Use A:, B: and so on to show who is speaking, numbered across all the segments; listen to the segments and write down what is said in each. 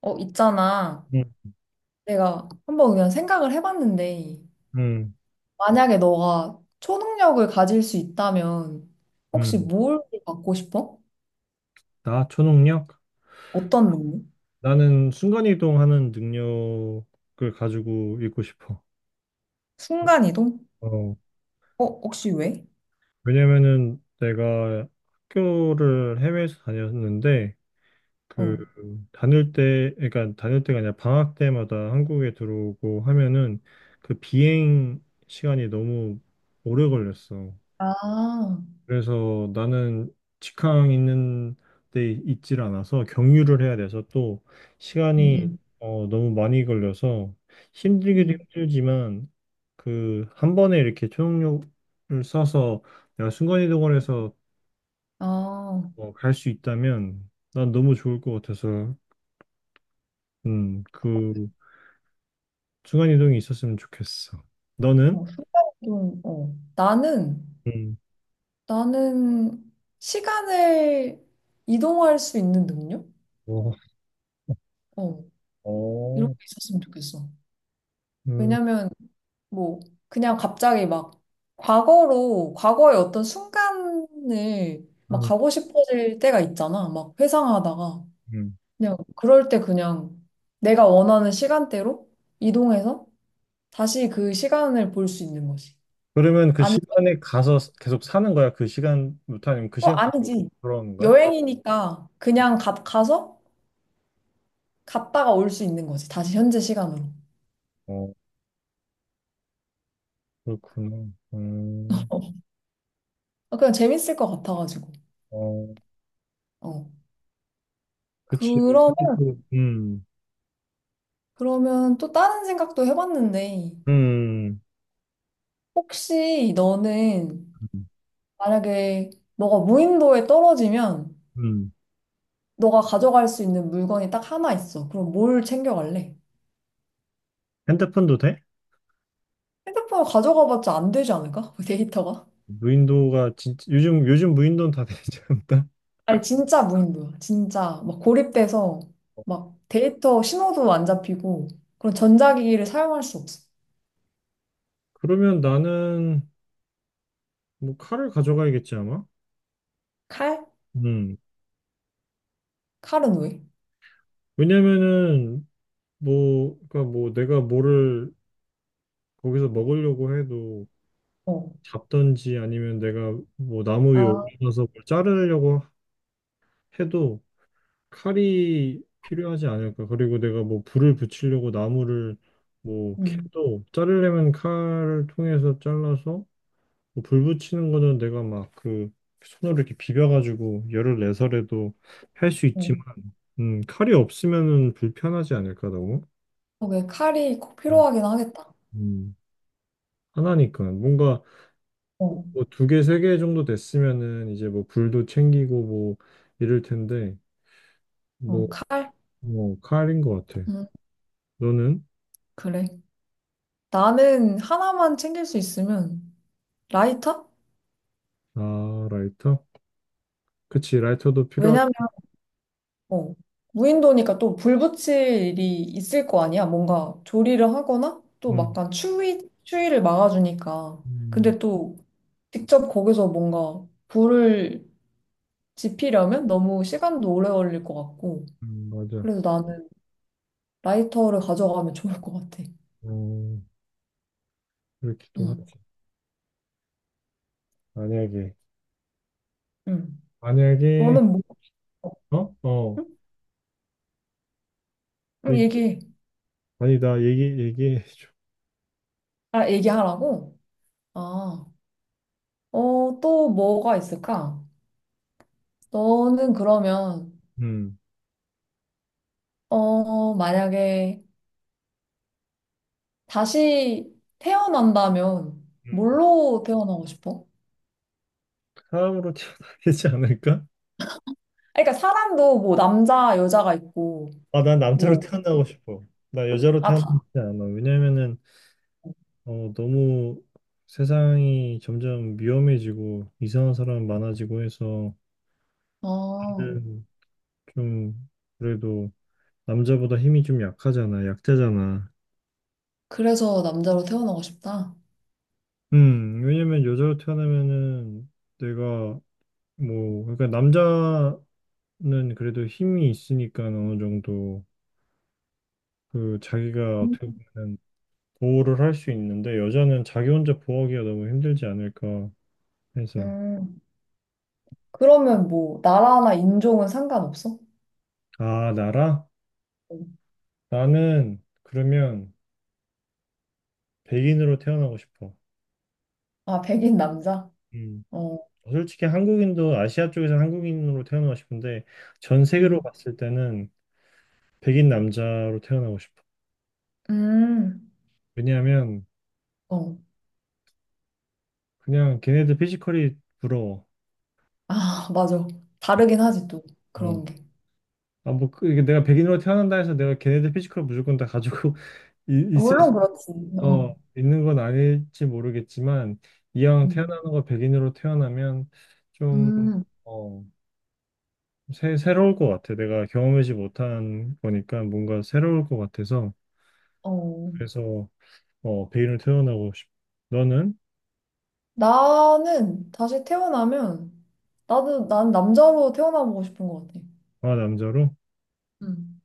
A: 어, 있잖아.
B: 음,
A: 내가 한번 그냥 생각을 해봤는데,
B: 음,
A: 만약에 너가 초능력을 가질 수 있다면, 혹시
B: 음.
A: 뭘 갖고 싶어?
B: 나 초능력?
A: 어떤 능력?
B: 나는 순간이동하는 능력을 가지고 있고 싶어.
A: 순간이동?
B: 어,
A: 어, 혹시 왜?
B: 왜냐면은 내가 학교를 해외에서 다녔는데 그
A: 어.
B: 다닐 때, 그러니까 다닐 때가 아니라 방학 때마다 한국에 들어오고 하면은 그 비행 시간이 너무 오래 걸렸어.
A: 아,
B: 그래서 나는 직항 있는 데 있질 않아서 경유를 해야 돼서 또
A: 응,
B: 시간이
A: 응,
B: 너무 많이 걸려서 힘들기도
A: 응.
B: 힘들지만 그 한 번에 이렇게 초능력을 써서 내가 순간이동을 해서
A: 아, 어,
B: 뭐 갈수 있다면 난 너무 좋을 것 같아서 그 순간이동이 있었으면 좋겠어. 너는?
A: 순간 이동 어. 나는,
B: 음.
A: 나는 시간을 이동할 수 있는 능력?
B: 어,
A: 어, 이런
B: 어,
A: 게 있었으면 좋겠어.
B: 음,
A: 왜냐면 뭐 그냥 갑자기 막 과거로 과거의 어떤 순간을 막
B: 음,
A: 가고 싶어질 때가 있잖아. 막 회상하다가
B: 음.
A: 그냥 그럴 때 그냥 내가 원하는 시간대로 이동해서 다시 그 시간을 볼 수 있는 거지.
B: 그러면 그
A: 아니,
B: 시간에 가서 계속 사는 거야? 그 시간부터 아니면 그
A: 어,
B: 시간 계속
A: 아니지.
B: 돌아오는 거야?
A: 여행이니까 그냥 가, 가서 갔다가 올 수 있는 거지. 다시 현재 시간으로.
B: 어, 그렇구나.
A: 아, 그냥 재밌을 것 같아가지고.
B: 어,
A: 어.
B: 그치.
A: 그러면
B: 컴 음,
A: 그러면 또 다른 생각도 해봤는데
B: 음,
A: 혹시 너는 만약에 너가 무인도에 떨어지면
B: 음.
A: 너가 가져갈 수 있는 물건이 딱 하나 있어. 그럼 뭘 챙겨갈래?
B: 핸드폰도 돼?
A: 핸드폰을 가져가봤자 안 되지 않을까? 데이터가?
B: 무인도가 진짜 요즘 무인도는 다 되지 않나?
A: 아니 진짜 무인도야. 진짜 막 고립돼서 막 데이터 신호도 안 잡히고 그런 전자기기를 사용할 수 없어.
B: 그러면 나는 뭐 칼을 가져가야겠지 아마.
A: 칼?
B: 음.
A: 칼은 왜?
B: 왜냐면은 뭐 그러니까 뭐 내가 뭐를 거기서 먹으려고 해도
A: 어.
B: 잡든지 아니면 내가 뭐 나무 위에
A: 아,
B: 올라서 뭘 자르려고 해도 칼이 필요하지 않을까. 그리고 내가 뭐 불을 붙이려고 나무를 뭐 캡
A: 응.
B: 도 자르려면 칼을 통해서 잘라서 뭐불 붙이는 거는 내가 막 그 손으로 이렇게 비벼가지고 열을 내서라도 할 수
A: 어.
B: 있지만 칼이 없으면은 불편하지 않을까 너무.
A: 어, 왜 칼이 꼭 필요하긴 하겠다.
B: 음, 하나니까 뭔가
A: 어.
B: 뭐 두 개, 세 개 정도 됐으면은 이제 뭐 불도 챙기고 뭐 이럴 텐데
A: 어,
B: 뭐,
A: 칼?
B: 뭐 칼인 것 같아.
A: 음,
B: 너는?
A: 그래. 나는 하나만 챙길 수 있으면 라이터?
B: 아, 라이터? 그치, 라이터도 필요하.
A: 왜냐면 어, 무인도니까 또 불 붙일 일이 있을 거 아니야. 뭔가 조리를 하거나 또
B: 음,
A: 막간 추위를 막아주니까.
B: 음,
A: 근데 또 직접 거기서 뭔가 불을 지피려면 너무 시간도 오래 걸릴 것 같고.
B: 맞아.
A: 그래서 나는 라이터를 가져가면 좋을 것 같아.
B: 어, 이렇게 또 하지.
A: 응,
B: 만약에,
A: 응.
B: 만약에,
A: 너는 뭐?
B: 어, 어,
A: 응? 응,
B: 얘기,
A: 얘기해.
B: 아니 나 얘기해 줘.
A: 아, 얘기하라고? 아, 어, 또 뭐가 있을까? 너는 그러면
B: 음,
A: 어, 만약에 다시 태어난다면
B: 음.
A: 뭘로 태어나고 싶어?
B: 사람으로 태어나야 되지 않을까?
A: 그러니까 사람도 뭐 남자, 여자가 있고
B: 아, 난 남자로
A: 뭐
B: 태어나고 싶어. 나 여자로
A: 아,
B: 태어나지
A: 다.
B: 않아. 왜냐면은 너무 세상이 점점 위험해지고 이상한 사람 많아지고 해서
A: 아,
B: 는좀 그래도 남자보다 힘이 좀 약하잖아, 약자잖아.
A: 그래서 남자로 태어나고 싶다.
B: 왜냐면 여자로 태어나면은 내가 뭐 그러니까 남자는 그래도 힘이 있으니까 어느 정도 그 자기가 어떻게 보면 보호를 할 수 있는데 여자는 자기 혼자 보호하기가 너무 힘들지 않을까 해서
A: 음, 그러면 뭐 나라나 인종은 상관없어?
B: 아, 나라?
A: 어.
B: 나는 그러면 백인으로 태어나고 싶어.
A: 아, 백인 남자?
B: 음.
A: 어.
B: 솔직히 한국인도 아시아 쪽에서 한국인으로 태어나고 싶은데 전 세계로
A: 음.
B: 봤을 때는 백인 남자로 태어나고 싶어.
A: 음.
B: 왜냐하면
A: 어.
B: 그냥 걔네들 피지컬이 부러워.
A: 아, 맞아. 다르긴 하지 또
B: 어.
A: 그런 게.
B: 아, 뭐, 이게 내가 백인으로 태어난다 해서 내가 걔네들 피지컬 무조건 다 가지고 이- 있을 수-
A: 물론 그렇지. 어.
B: 있는 건 아닐지 모르겠지만 이왕
A: 음.
B: 태어나는 거 백인으로 태어나면 좀
A: 음.
B: 어, 새로울 것 같아. 내가 경험하지 못한 거니까 뭔가 새로울 것 같아서
A: 어.
B: 그래서 베일을 태어나고 싶. 너는?
A: 나는 다시 태어나면, 나도, 난 남자로 태어나보고 싶은 것 같아.
B: 아, 남자로?
A: 음.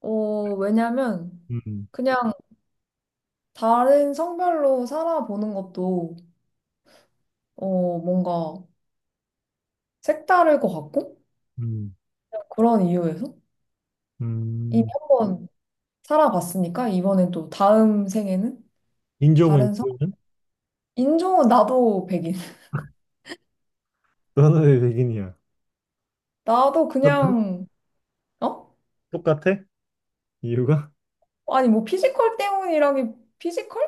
A: 어, 왜냐면,
B: 음,
A: 그냥 다른 성별로 살아보는 것도, 어, 뭔가 색다를 것 같고,
B: 음,
A: 그런 이유에서. 이미
B: 음.
A: 한번 살아봤으니까, 이번엔 또 다음 생에는 다른 성,
B: 인종은?
A: 인종은 나도 백인.
B: 너는 왜 백인이야?
A: 나도
B: 똑같아?
A: 그냥, 어?
B: 똑같아? 이유가?
A: 아니, 뭐 피지컬 때문이라기, 피지컬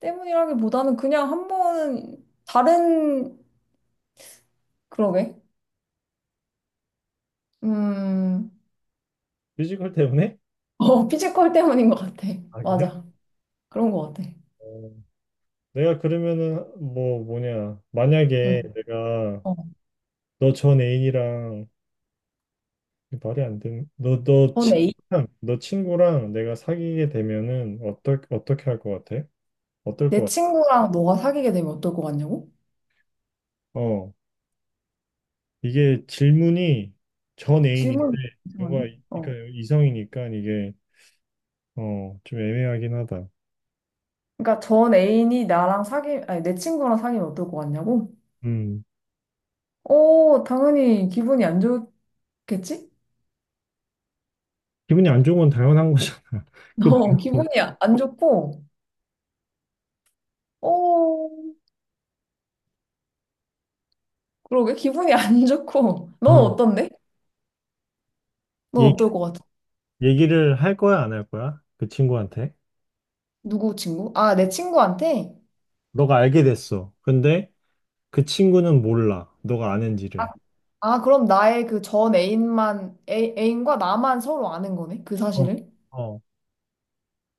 A: 때문이라기보다는 그냥 한 번은 다른, 그러게. 음,
B: 피지컬 때문에?
A: 어, 피지컬 때문인 것 같아.
B: 아, 그래?
A: 맞아. 그런 것 같아.
B: 어, 내가 그러면은 뭐 뭐냐?
A: 응.
B: 만약에 내가
A: 어.
B: 너 전 애인이랑 말이 안 되는 너너
A: 전 A.
B: 친구랑 너 친구랑 내가 사귀게 되면은 어떨 어떻게 할 것 같아? 어떨 것
A: 내
B: 같아?
A: 친구랑 너가 사귀게 되면 어떨 것 같냐고?
B: 어. 이게 질문이 전 애인인데
A: 질문
B: 뭔가
A: 이상한데? 어.
B: 그러니까 이성이니까 이게 좀 애매하긴 하다.
A: 그러니까 전 애인이 나랑 사귀, 아니, 내 친구랑 사귀면 어떨 것 같냐고?
B: 음
A: 어, 당연히 기분이 안 좋겠지?
B: 기분이 안 좋은 건 당연한 거잖아. 그
A: 어, 기분이
B: 말고
A: 안 좋고, 어, 그러게 기분이 안 좋고. 넌
B: 어,
A: 어떤데? 넌
B: 얘기
A: 어떨 것 같아?
B: 얘기를 할 거야 안 할 거야? 그 친구한테
A: 누구 친구? 아, 내 친구한테?
B: 너가 알게 됐어. 근데 그 친구는 몰라. 너가
A: 아,
B: 아는지를.
A: 아, 그럼 나의 그 전 애인만, 애, 애인과 나만 서로 아는 거네? 그
B: 어,
A: 사실을?
B: 어.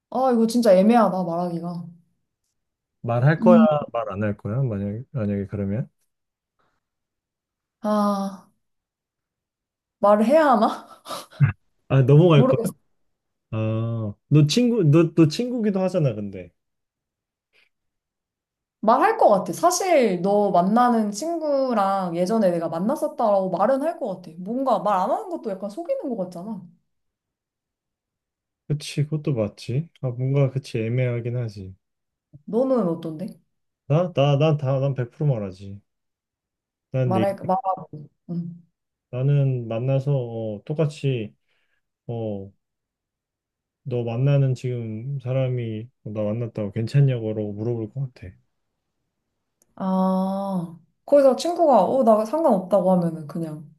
A: 아, 이거 진짜 애매하다, 말하기가.
B: 말할 거야
A: 음,
B: 말 안 할 거야? 만약에 그러면
A: 아, 말을 해야 하나?
B: 아 넘어갈 거야?
A: 모르겠어.
B: 아너 친구 너 또 친구기도 하잖아 근데.
A: 말할 것 같아. 사실 너 만나는 친구랑 예전에 내가 만났었다라고 말은 할 것 같아. 뭔가 말 안 하는 것도 약간 속이는 것 같잖아.
B: 그치, 그것도 맞지. 아, 뭔가 그치 애매하긴 하지.
A: 너는 어떤데?
B: 난 난 100% 말하지. 난 내,
A: 말할, 말하고. 응.
B: 나는 만나서 똑같이 어, 너 만나는 지금 사람이 나 만났다고 괜찮냐고 물어볼 것 같아.
A: 아, 거기서 친구가, 어, 나 상관없다고 하면은 그냥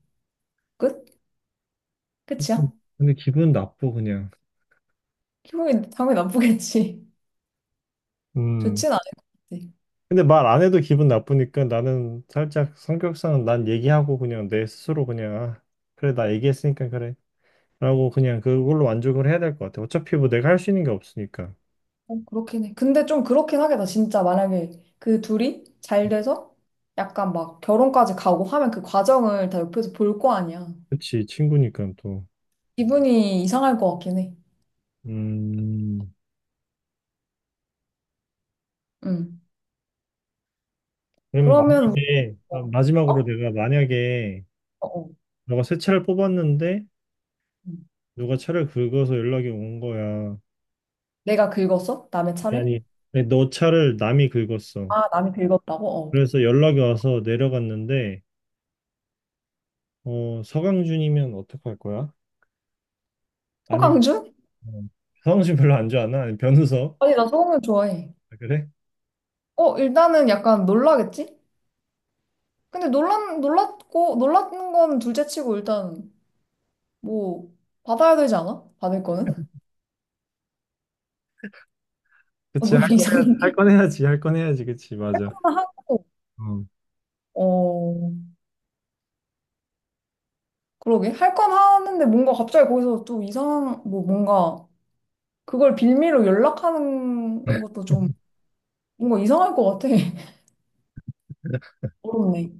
A: 끝?
B: 그러니까
A: 끝이야?
B: 근데 기분 나쁘 그냥.
A: 기분이 당연히 나쁘겠지.
B: 음.
A: 좋진 않을 것 같아.
B: 근데 말 안 해도 기분 나쁘니까 나는 살짝 성격상 난 얘기하고 그냥 내 스스로 그냥 아, 그래 나 얘기했으니까 그래. 라고 그냥 그걸로 만족을 해야 될 것 같아. 어차피 뭐 내가 할 수 있는 게 없으니까.
A: 어, 그렇긴 해. 근데 좀 그렇긴 하겠다. 진짜 만약에 그 둘이 잘 돼서 약간 막 결혼까지 가고 하면 그 과정을 다 옆에서 볼 거 아니야.
B: 그치, 친구니까 또.
A: 기분이 이상할 것 같긴 해.
B: 음,
A: 응.
B: 그럼
A: 그러면 우리,
B: 만약에, 아,
A: 뭐,
B: 마지막으로
A: 어?
B: 내가 만약에
A: 어? 어.
B: 너가 새 차를 뽑았는데
A: 응.
B: 누가 차를 긁어서 연락이 온 거야.
A: 내가 긁었어? 남의 차를?
B: 아니, 아니, 너 차를 남이 긁었어.
A: 아, 남이 긁었다고? 어.
B: 그래서 연락이 와서 내려갔는데, 서강준이면 어떡할 거야? 아니면,
A: 서강준?
B: 어, 서강준 별로 안 좋아하나? 아니, 변우석?
A: 아니, 나 서강준 좋아해.
B: 아, 그래?
A: 어, 일단은 약간 놀라겠지? 근데 놀란, 놀랐고, 놀라는 건 둘째치고 일단 뭐 받아야 되지 않아? 받을 거는? 어,
B: 그치, 할
A: 너무
B: 건 해야지, 할
A: 이상한데?
B: 건 해야지, 할 건 해야지, 그치,
A: 할
B: 맞아.
A: 거는 하고,
B: 어.
A: 어, 그러게. 할 건 하는데 뭔가 갑자기 거기서 좀 이상한, 뭐 뭔가 그걸 빌미로 연락하는 것도 좀 뭔가 이상할 것 같아. 어렵네.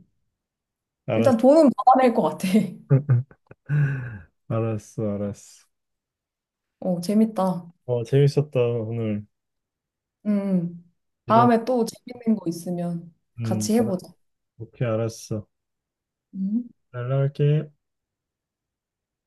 A: 일단
B: 알았어.
A: 돈은 받아낼 것 같아.
B: 알았어, 알았어.
A: 어, 재밌다.
B: 어, 재밌었다, 오늘.
A: 음.
B: 이런,
A: 다음에 또 재밌는 거 있으면 같이
B: 알았어.
A: 해보자.
B: 오케이, 알았어.
A: 음.
B: 연락할게.